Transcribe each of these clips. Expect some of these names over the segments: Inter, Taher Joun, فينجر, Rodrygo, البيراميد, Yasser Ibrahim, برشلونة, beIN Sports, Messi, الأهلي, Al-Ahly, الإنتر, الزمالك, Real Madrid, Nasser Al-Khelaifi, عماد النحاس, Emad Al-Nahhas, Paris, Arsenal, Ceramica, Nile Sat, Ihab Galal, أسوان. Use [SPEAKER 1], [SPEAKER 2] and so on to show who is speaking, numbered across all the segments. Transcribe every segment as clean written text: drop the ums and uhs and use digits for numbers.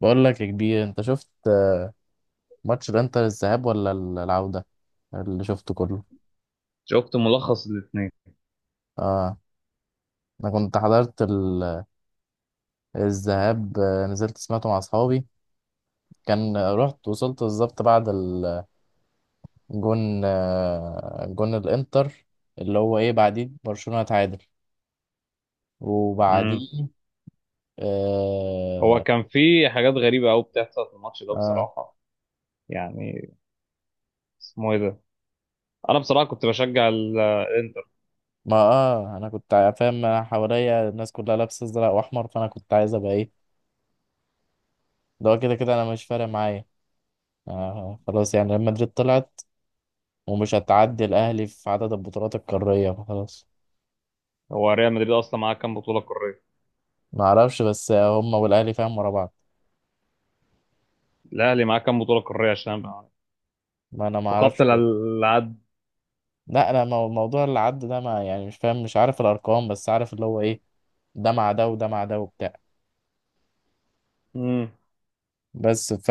[SPEAKER 1] بقول لك يا كبير، انت شفت ماتش الانتر الذهاب ولا العودة اللي شفته كله؟
[SPEAKER 2] شفت ملخص الاثنين.
[SPEAKER 1] اه. انا كنت حضرت الذهاب، نزلت سمعته مع اصحابي. كان رحت وصلت بالظبط بعد الجون، جون الانتر، اللي هو ايه، بعديه برشلونة اتعادل
[SPEAKER 2] امم
[SPEAKER 1] وبعديه.
[SPEAKER 2] هو
[SPEAKER 1] اه.
[SPEAKER 2] كان في حاجات غريبة قوي بتحصل في الماتش ده
[SPEAKER 1] آه.
[SPEAKER 2] بصراحة. يعني اسمه ايه ده؟ انا بصراحة كنت بشجع الانتر.
[SPEAKER 1] ما انا كنت فاهم، أنا حواليا الناس كلها لابسه ازرق واحمر، فانا كنت عايز ابقى ايه؟ ده هو كده كده انا مش فارق معايا. آه خلاص، يعني ريال مدريد طلعت ومش هتعدي الاهلي في عدد البطولات القاريه، فخلاص.
[SPEAKER 2] هو ريال مدريد اصلا معاه كام بطولة قارية؟
[SPEAKER 1] ما اعرفش، بس هم والاهلي فاهم ورا بعض.
[SPEAKER 2] الاهلي معاه كام بطولة قارية عشان أبقى
[SPEAKER 1] ما انا ما
[SPEAKER 2] فقدت
[SPEAKER 1] اعرفش برضه.
[SPEAKER 2] العد.
[SPEAKER 1] لا انا موضوع اللي عدى ده، ما يعني مش فاهم، مش عارف الارقام، بس عارف اللي هو ايه، ده مع ده وده مع ده وبتاع.
[SPEAKER 2] امم
[SPEAKER 1] بس ف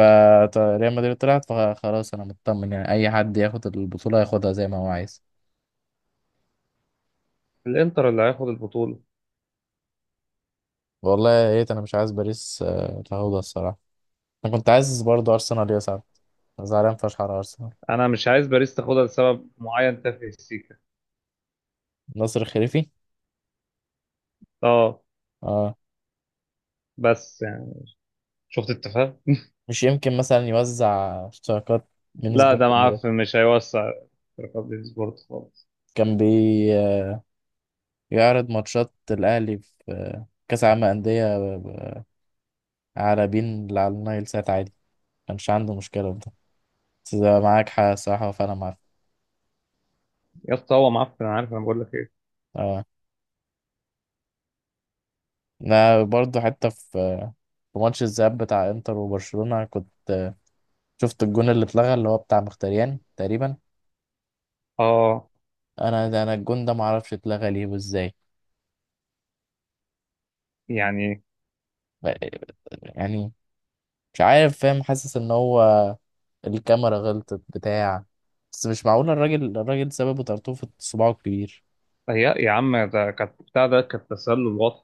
[SPEAKER 1] ريال مدريد طلعت فخلاص، انا مطمن. يعني اي حد ياخد البطوله ياخدها زي ما هو عايز.
[SPEAKER 2] الانتر اللي هياخد البطولة.
[SPEAKER 1] والله يا ريت. انا مش عايز باريس تاخدها الصراحه. انا كنت عايز برضه ارسنال يصعد. زعلان فشخ على ارسنال.
[SPEAKER 2] انا مش عايز باريس تاخدها لسبب معين تافه، السيكا.
[SPEAKER 1] ناصر الخليفي.
[SPEAKER 2] اه،
[SPEAKER 1] اه.
[SPEAKER 2] بس يعني شفت التفاهة.
[SPEAKER 1] مش يمكن مثلا يوزع اشتراكات من
[SPEAKER 2] لا،
[SPEAKER 1] سبورت
[SPEAKER 2] ده
[SPEAKER 1] لبره.
[SPEAKER 2] معفن مش هيوسع. رياض سبورت خالص.
[SPEAKER 1] كان بيعرض ماتشات الأهلي في كأس عالم أندية على بين اللي على النايل سات عادي، كانش عنده مشكلة في ده. بس ده معاك حق الصراحة، فأنا معاك.
[SPEAKER 2] يا اسطى هو معفن، انا عارف، انا بقول لك ايه.
[SPEAKER 1] اه. أنا برضه حتى في في ماتش الذهاب بتاع انتر وبرشلونة كنت شفت الجون اللي اتلغى، اللي هو بتاع مختاريان تقريبا.
[SPEAKER 2] اه،
[SPEAKER 1] انا ده، انا الجون ده معرفش اتلغى ليه وازاي.
[SPEAKER 2] يعني
[SPEAKER 1] يعني مش عارف، فاهم، حاسس ان هو الكاميرا غلطت بتاع. بس مش معقولة الراجل، سببه طرطوفة صباعه الكبير.
[SPEAKER 2] يا عم ده كانت بتاع، ده كانت تسلل واضح.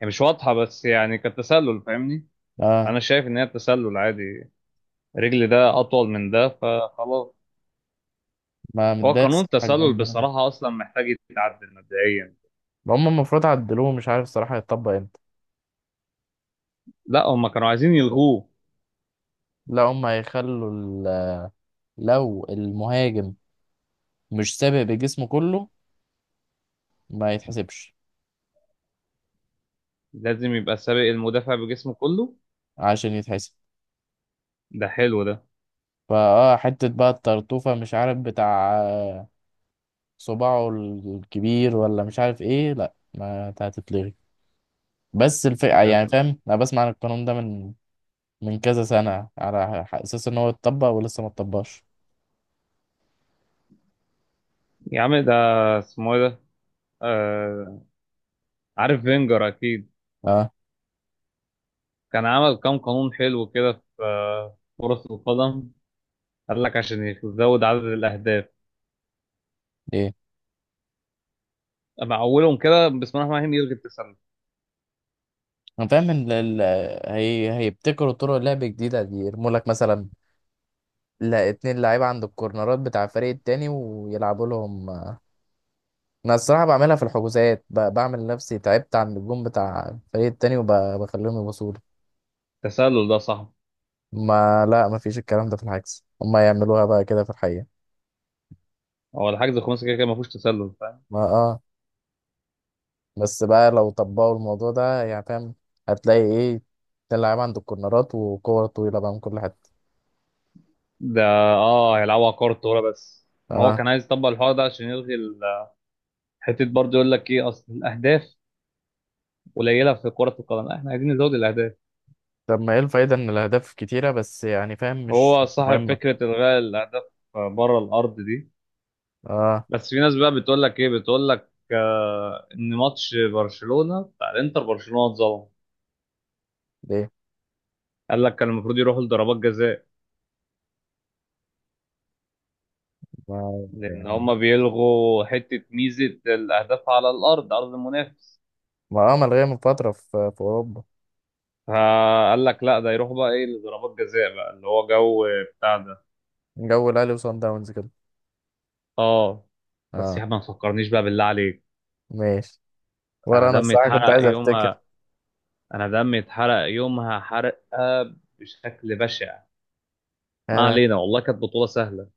[SPEAKER 2] يعني مش واضحة، بس يعني كانت تسلل، فاهمني؟
[SPEAKER 1] اه
[SPEAKER 2] أنا شايف إن هي تسلل عادي. رجل ده أطول من ده فخلاص.
[SPEAKER 1] ما
[SPEAKER 2] هو
[SPEAKER 1] متضايق
[SPEAKER 2] قانون
[SPEAKER 1] الصراحة الجون
[SPEAKER 2] التسلل
[SPEAKER 1] ده أنا.
[SPEAKER 2] بصراحة أصلا محتاج يتعدل مبدئيا.
[SPEAKER 1] هم المفروض عدلوه، مش عارف الصراحة هيطبق امتى.
[SPEAKER 2] لا، هما كانوا عايزين يلغوه.
[SPEAKER 1] لا هم هيخلوا لو المهاجم مش سابق بجسمه كله، ما يتحسبش.
[SPEAKER 2] لازم يبقى سابق المدافع بجسمه كله.
[SPEAKER 1] عشان يتحسب
[SPEAKER 2] ده حلو ده.
[SPEAKER 1] فاه حتة بقى الطرطوفة مش عارف بتاع، صباعه الكبير ولا مش عارف ايه، لا ما هتتلغي. بس الفئة يعني
[SPEAKER 2] ده.
[SPEAKER 1] فاهم، انا بسمع عن القانون ده من كذا سنة على أساس إن هو اتطبق ولسه ما اتطبقش.
[SPEAKER 2] يا عم ده اسمه إيه ده؟ آه... عارف فينجر أكيد.
[SPEAKER 1] أه.
[SPEAKER 2] كان عمل كام قانون حلو كده في كرة القدم. قال لك عشان يزود عدد الأهداف،
[SPEAKER 1] إيه.
[SPEAKER 2] مع اولهم كده بسم الله الرحمن الرحيم يلغي التسلل.
[SPEAKER 1] أنا فاهم إن هي هيبتكروا طرق لعب جديدة، دي يرموا لك مثلا لا اتنين لعيبة عند الكورنرات بتاع الفريق التاني ويلعبوا لهم. أنا الصراحة بعملها في الحجوزات، بعمل نفسي تعبت عند الجون بتاع الفريق التاني وبخليهم يبصوا لي.
[SPEAKER 2] التسلل ده صح.
[SPEAKER 1] ما لا، ما فيش الكلام ده في العكس، هما يعملوها بقى كده في الحقيقة.
[SPEAKER 2] هو الحجز الخماسي كده كده ما فيهوش تسلل، فاهم؟
[SPEAKER 1] ما آه. بس بقى لو طبقوا الموضوع ده يعني فاهم، هتلاقي ايه، تلعب عند الكورنرات وكور طويلة بقى من كل حتة.
[SPEAKER 2] ده اه، هيلعبوا على كره الطاوله. بس ما هو
[SPEAKER 1] اه.
[SPEAKER 2] كان عايز يطبق الحوار ده عشان يلغي حته برضه. يقول لك ايه، اصل الاهداف قليله في كره القدم، لا، احنا عايزين نزود الاهداف.
[SPEAKER 1] طب ما ايه الفايدة ان الاهداف كتيرة، بس يعني فاهم
[SPEAKER 2] هو
[SPEAKER 1] مش
[SPEAKER 2] صاحب
[SPEAKER 1] مهمة.
[SPEAKER 2] فكره الغاء الاهداف بره الارض دي.
[SPEAKER 1] اه.
[SPEAKER 2] بس في ناس بقى بتقول لك ايه، بتقول لك آه ان ماتش برشلونه بتاع الانتر برشلونه اتظلم.
[SPEAKER 1] ليه؟
[SPEAKER 2] قال لك كان المفروض يروحوا لضربات جزاء.
[SPEAKER 1] ما
[SPEAKER 2] لأن
[SPEAKER 1] يعني
[SPEAKER 2] هما بيلغوا حتة ميزة الأهداف على الأرض، أرض المنافس.
[SPEAKER 1] ما اه، ملغية من فترة في، في اوروبا.
[SPEAKER 2] فقال لك لا ده يروح بقى إيه لضربات جزاء بقى اللي هو جو بتاع ده.
[SPEAKER 1] جو الاهلي وصن داونز كده.
[SPEAKER 2] آه، بس يا
[SPEAKER 1] اه.
[SPEAKER 2] عم ما تفكرنيش بقى بالله عليك.
[SPEAKER 1] ماشي.
[SPEAKER 2] أنا
[SPEAKER 1] ولا انا
[SPEAKER 2] دمي
[SPEAKER 1] الصراحة كنت
[SPEAKER 2] اتحرق
[SPEAKER 1] عايز افتكر.
[SPEAKER 2] يومها. أنا دمي اتحرق يومها حرقة بشكل بشع. ما
[SPEAKER 1] انا
[SPEAKER 2] علينا، والله كانت بطولة سهلة.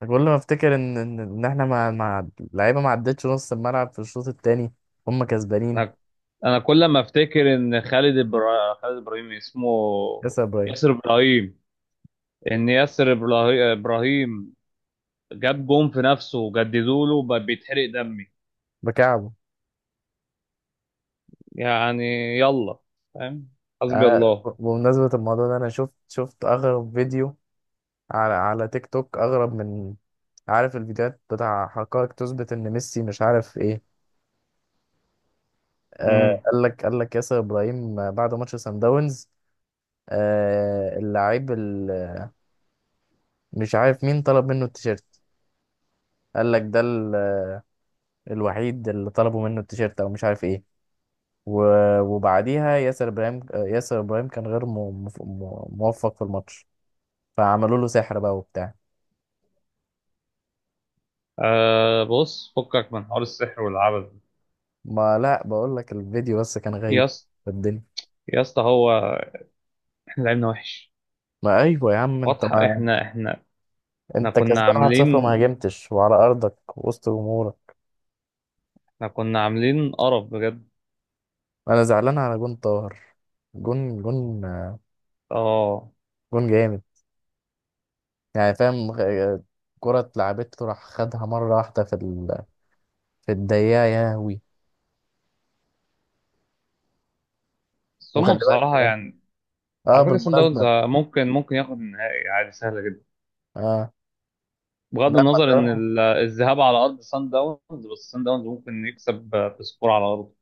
[SPEAKER 1] كل ما افتكر ان إن احنا مع اللعيبة ما عدتش نص الملعب في الشوط التاني، هم
[SPEAKER 2] أنا
[SPEAKER 1] كسبانين.
[SPEAKER 2] أنا كل ما أفتكر إن خالد إبراهيم اسمه،
[SPEAKER 1] يا ابراهيم.
[SPEAKER 2] ياسر إبراهيم. إن إبراهيم جاب جون في نفسه وجددوا له بقى بيتحرق دمي.
[SPEAKER 1] بكعبه.
[SPEAKER 2] يعني يلا. فاهم؟ حسبي
[SPEAKER 1] انا
[SPEAKER 2] الله.
[SPEAKER 1] بمناسبة الموضوع ده، انا شفت اغرب فيديو على تيك توك، اغرب من، عارف الفيديوهات بتاع حقائق تثبت ان ميسي مش عارف ايه. آه
[SPEAKER 2] امم
[SPEAKER 1] قال لك، ياسر ابراهيم بعد ماتش سان داونز، آه اللاعب مش عارف مين طلب منه التيشيرت، قال لك ده الوحيد اللي طلبوا منه التيشيرت او مش عارف ايه. وبعديها ياسر ابراهيم، ياسر ابراهيم كان غير موفق في الماتش، فعملوا له سحر بقى وبتاع.
[SPEAKER 2] آه، بص فكك من حوار السحر والعبث ده.
[SPEAKER 1] ما لا، بقول لك الفيديو بس، كان
[SPEAKER 2] يا
[SPEAKER 1] غايب
[SPEAKER 2] اسطى
[SPEAKER 1] في الدنيا.
[SPEAKER 2] يا اسطى هو احنا لعبنا وحش،
[SPEAKER 1] ما ايوه يا عم، انت
[SPEAKER 2] واضحه.
[SPEAKER 1] ما
[SPEAKER 2] احنا
[SPEAKER 1] انت
[SPEAKER 2] كنا
[SPEAKER 1] كسبان 1-0 وما
[SPEAKER 2] عاملين،
[SPEAKER 1] هاجمتش، وعلى ارضك وسط جمهورك.
[SPEAKER 2] احنا كنا عاملين قرف بجد.
[SPEAKER 1] انا زعلان على جون طاهر. جون جون
[SPEAKER 2] اه،
[SPEAKER 1] جون جامد. يعني فاهم، كرة اتلعبته راح خدها مرة واحدة في في الدقيقة يا هوي.
[SPEAKER 2] بس هما
[SPEAKER 1] وخلي
[SPEAKER 2] بصراحه
[SPEAKER 1] بالك.
[SPEAKER 2] يعني.
[SPEAKER 1] اه،
[SPEAKER 2] على فكره سان داونز
[SPEAKER 1] بالمناسبة.
[SPEAKER 2] ممكن ياخد النهائي عادي، سهله جدا.
[SPEAKER 1] اه.
[SPEAKER 2] بغض
[SPEAKER 1] ده ما
[SPEAKER 2] النظر ان الذهاب على ارض سان داونز. بس سان داونز ممكن يكسب بسكور على ارضه.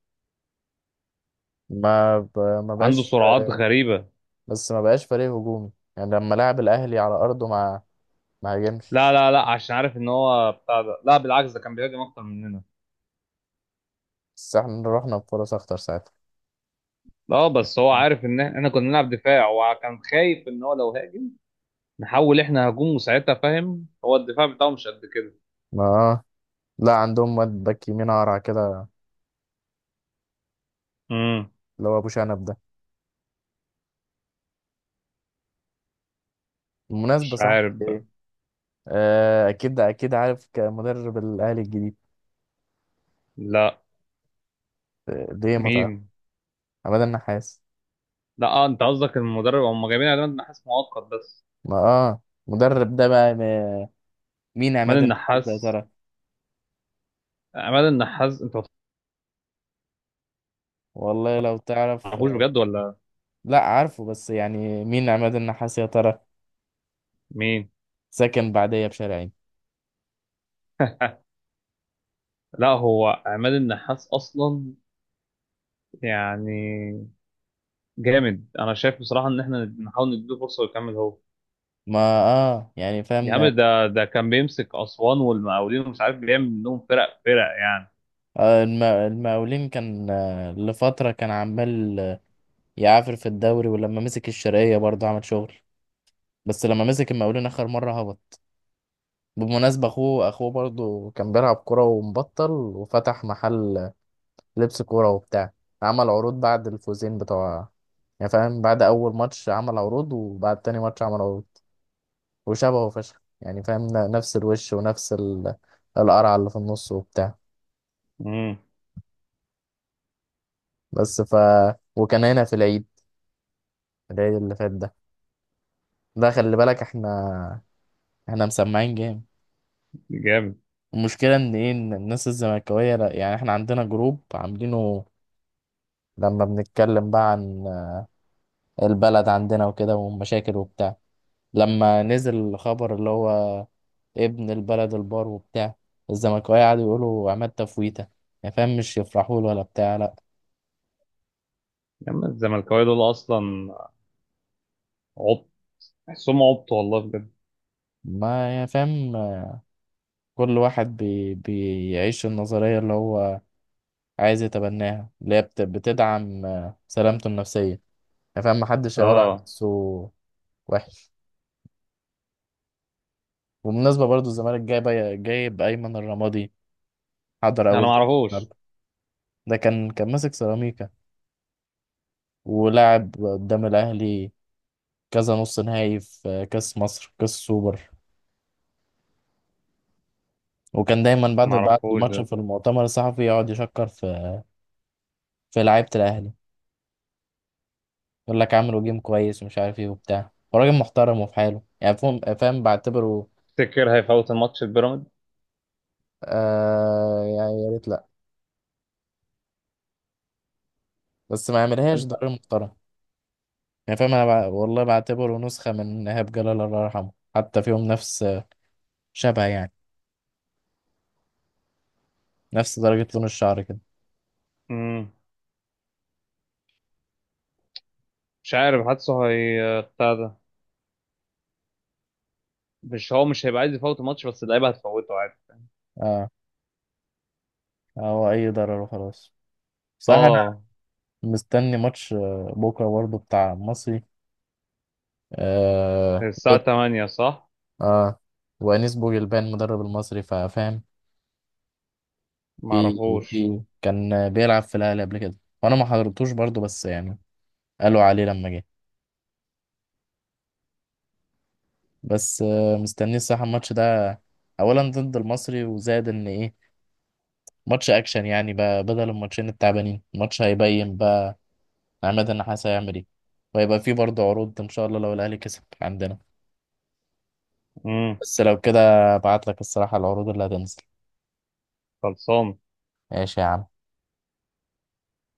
[SPEAKER 1] ما
[SPEAKER 2] عنده
[SPEAKER 1] بقاش،
[SPEAKER 2] سرعات غريبة.
[SPEAKER 1] بس ما بقاش فريق هجومي. يعني لما لعب الأهلي على أرضه ما، ما هاجمش.
[SPEAKER 2] لا لا لا، عشان عارف ان هو بتاع ده، لا بالعكس ده كان بيهاجم اكتر مننا.
[SPEAKER 1] بس احنا رحنا بفرص أخطر ساعتها.
[SPEAKER 2] لا، بس هو عارف ان احنا كنا بنلعب دفاع وكان خايف ان هو لو هاجم نحول احنا هجوم، وساعتها فاهم هو الدفاع بتاعه مش قد كده.
[SPEAKER 1] اه. لا عندهم واد باك يمين قرع كده،
[SPEAKER 2] امم
[SPEAKER 1] اللي هو ابو شنب ده. بالمناسبه،
[SPEAKER 2] مش
[SPEAKER 1] صح،
[SPEAKER 2] عارف بقى.
[SPEAKER 1] ايه، آه اكيد اكيد عارف كمدرب الاهلي الجديد؟
[SPEAKER 2] لا.
[SPEAKER 1] ليه ما تعرف؟
[SPEAKER 2] مين؟
[SPEAKER 1] عماد النحاس.
[SPEAKER 2] لا، اه انت قصدك المدرب، هم جايبين عماد النحاس مؤقت بس.
[SPEAKER 1] ما اه. مدرب ده بقى، مين عماد
[SPEAKER 2] عماد
[SPEAKER 1] النحاس ده يا
[SPEAKER 2] النحاس،
[SPEAKER 1] ترى؟
[SPEAKER 2] عماد النحاس انت ما
[SPEAKER 1] والله لو تعرف
[SPEAKER 2] تعرفوش بجد ولا؟
[SPEAKER 1] لا عارفه بس يعني مين عماد النحاس يا ترى؟
[SPEAKER 2] مين؟
[SPEAKER 1] ساكن بعديه بشارعين.
[SPEAKER 2] لا هو عماد النحاس اصلا يعني جامد. انا شايف بصراحه ان احنا نحاول نديله فرصه ويكمل هو.
[SPEAKER 1] ما اه، يعني
[SPEAKER 2] يا عم
[SPEAKER 1] فهمنا.
[SPEAKER 2] ده كان بيمسك اسوان والمقاولين ومش عارف بيعمل منهم فرق فرق يعني.
[SPEAKER 1] آه المقاولين كان لفترة كان عمال يعافر في الدوري، ولما مسك الشرقية برضه عمل شغل. بس لما مسك المقاولين اخر مره هبط. بالمناسبه اخوه برضه كان بيلعب كوره ومبطل، وفتح محل لبس كوره وبتاع. عمل عروض بعد الفوزين بتوع، يعني فاهم، بعد اول ماتش عمل عروض، وبعد تاني ماتش عمل عروض. وشبهه فشخ يعني فاهم، نفس الوش ونفس القرعه اللي في النص وبتاع.
[SPEAKER 2] امم
[SPEAKER 1] بس ف وكان هنا في العيد، العيد اللي فات ده. ده خلي بالك، احنا مسمعين جامد.
[SPEAKER 2] جامد.
[SPEAKER 1] المشكلة إن إيه، إن الناس الزملكاوية يعني إحنا عندنا جروب عاملينه، لما بنتكلم بقى عن البلد عندنا وكده والمشاكل وبتاع، لما نزل الخبر اللي هو ابن البلد البار وبتاع، الزملكاويه قعدوا يقولوا عماد تفويته. يعني فاهم، مش يفرحوا له ولا بتاع، لا.
[SPEAKER 2] يا عم الزملكاويه دول اصلا عبط. تحسهم عبط والله بجد.
[SPEAKER 1] ما يعني فاهم، كل واحد بيعيش النظرية اللي هو عايز يتبناها، اللي هي بتدعم سلامته النفسية. يعني فاهم محدش هيقول على
[SPEAKER 2] اه،
[SPEAKER 1] نفسه وحش. وبالمناسبة برضو الزمالك جايب أيمن الرمادي، حضر
[SPEAKER 2] انا ما
[SPEAKER 1] أول
[SPEAKER 2] اعرفوش
[SPEAKER 1] النهارده. ده كان ماسك سيراميكا ولعب قدام الأهلي كذا نص نهائي في كأس مصر، كأس سوبر، وكان دايما
[SPEAKER 2] ما
[SPEAKER 1] بعد
[SPEAKER 2] اعرفوش
[SPEAKER 1] الماتش
[SPEAKER 2] ده.
[SPEAKER 1] في المؤتمر الصحفي يقعد يشكر في، في لعيبة الأهلي، يقول لك عملوا جيم كويس، ومش عارف ايه وبتاع، وراجل محترم وفي حاله، يعني فاهم، فاهم بعتبره.
[SPEAKER 2] تفتكر هيفوت الماتش البيراميد؟
[SPEAKER 1] آه يعني يا ريت لا، بس ما يعملهاش، ده راجل محترم. يعني فاهم انا والله بعتبره نسخة من إيهاب جلال، الله يرحمه، حتى فيهم نفس شبه يعني، نفس درجة لون الشعر كده.
[SPEAKER 2] امم مش عارف، حاسه هي بتاع ده. مش هو مش هيبقى عايز يفوت الماتش، بس اللعيبه هتفوته عادي.
[SPEAKER 1] اه. هو اي ضرر وخلاص. صح.
[SPEAKER 2] اه.
[SPEAKER 1] مستني ماتش بكرة برضه بتاع المصري، آه
[SPEAKER 2] الساعه
[SPEAKER 1] ضد.
[SPEAKER 2] 8 صح؟
[SPEAKER 1] اه. وأنيس بوجلبان مدرب المصري، فاهم؟
[SPEAKER 2] ما
[SPEAKER 1] في
[SPEAKER 2] اعرفوش.
[SPEAKER 1] في كان بيلعب في الأهلي قبل كده، وأنا ما حضرتوش برضه، بس يعني قالوا عليه لما جه. بس آه مستني الصراحة الماتش ده أولا ضد المصري، وزاد إن إيه، ماتش أكشن يعني بقى، بدل الماتشين التعبانين، الماتش هيبين بقى عماد النحاس هيعمل إيه، وهيبقى فيه برضه عروض إن شاء الله لو الأهلي كسب عندنا.
[SPEAKER 2] امم
[SPEAKER 1] بس لو كده ابعت لك الصراحة العروض اللي هتنزل.
[SPEAKER 2] خلصان
[SPEAKER 1] ماشي يا عم.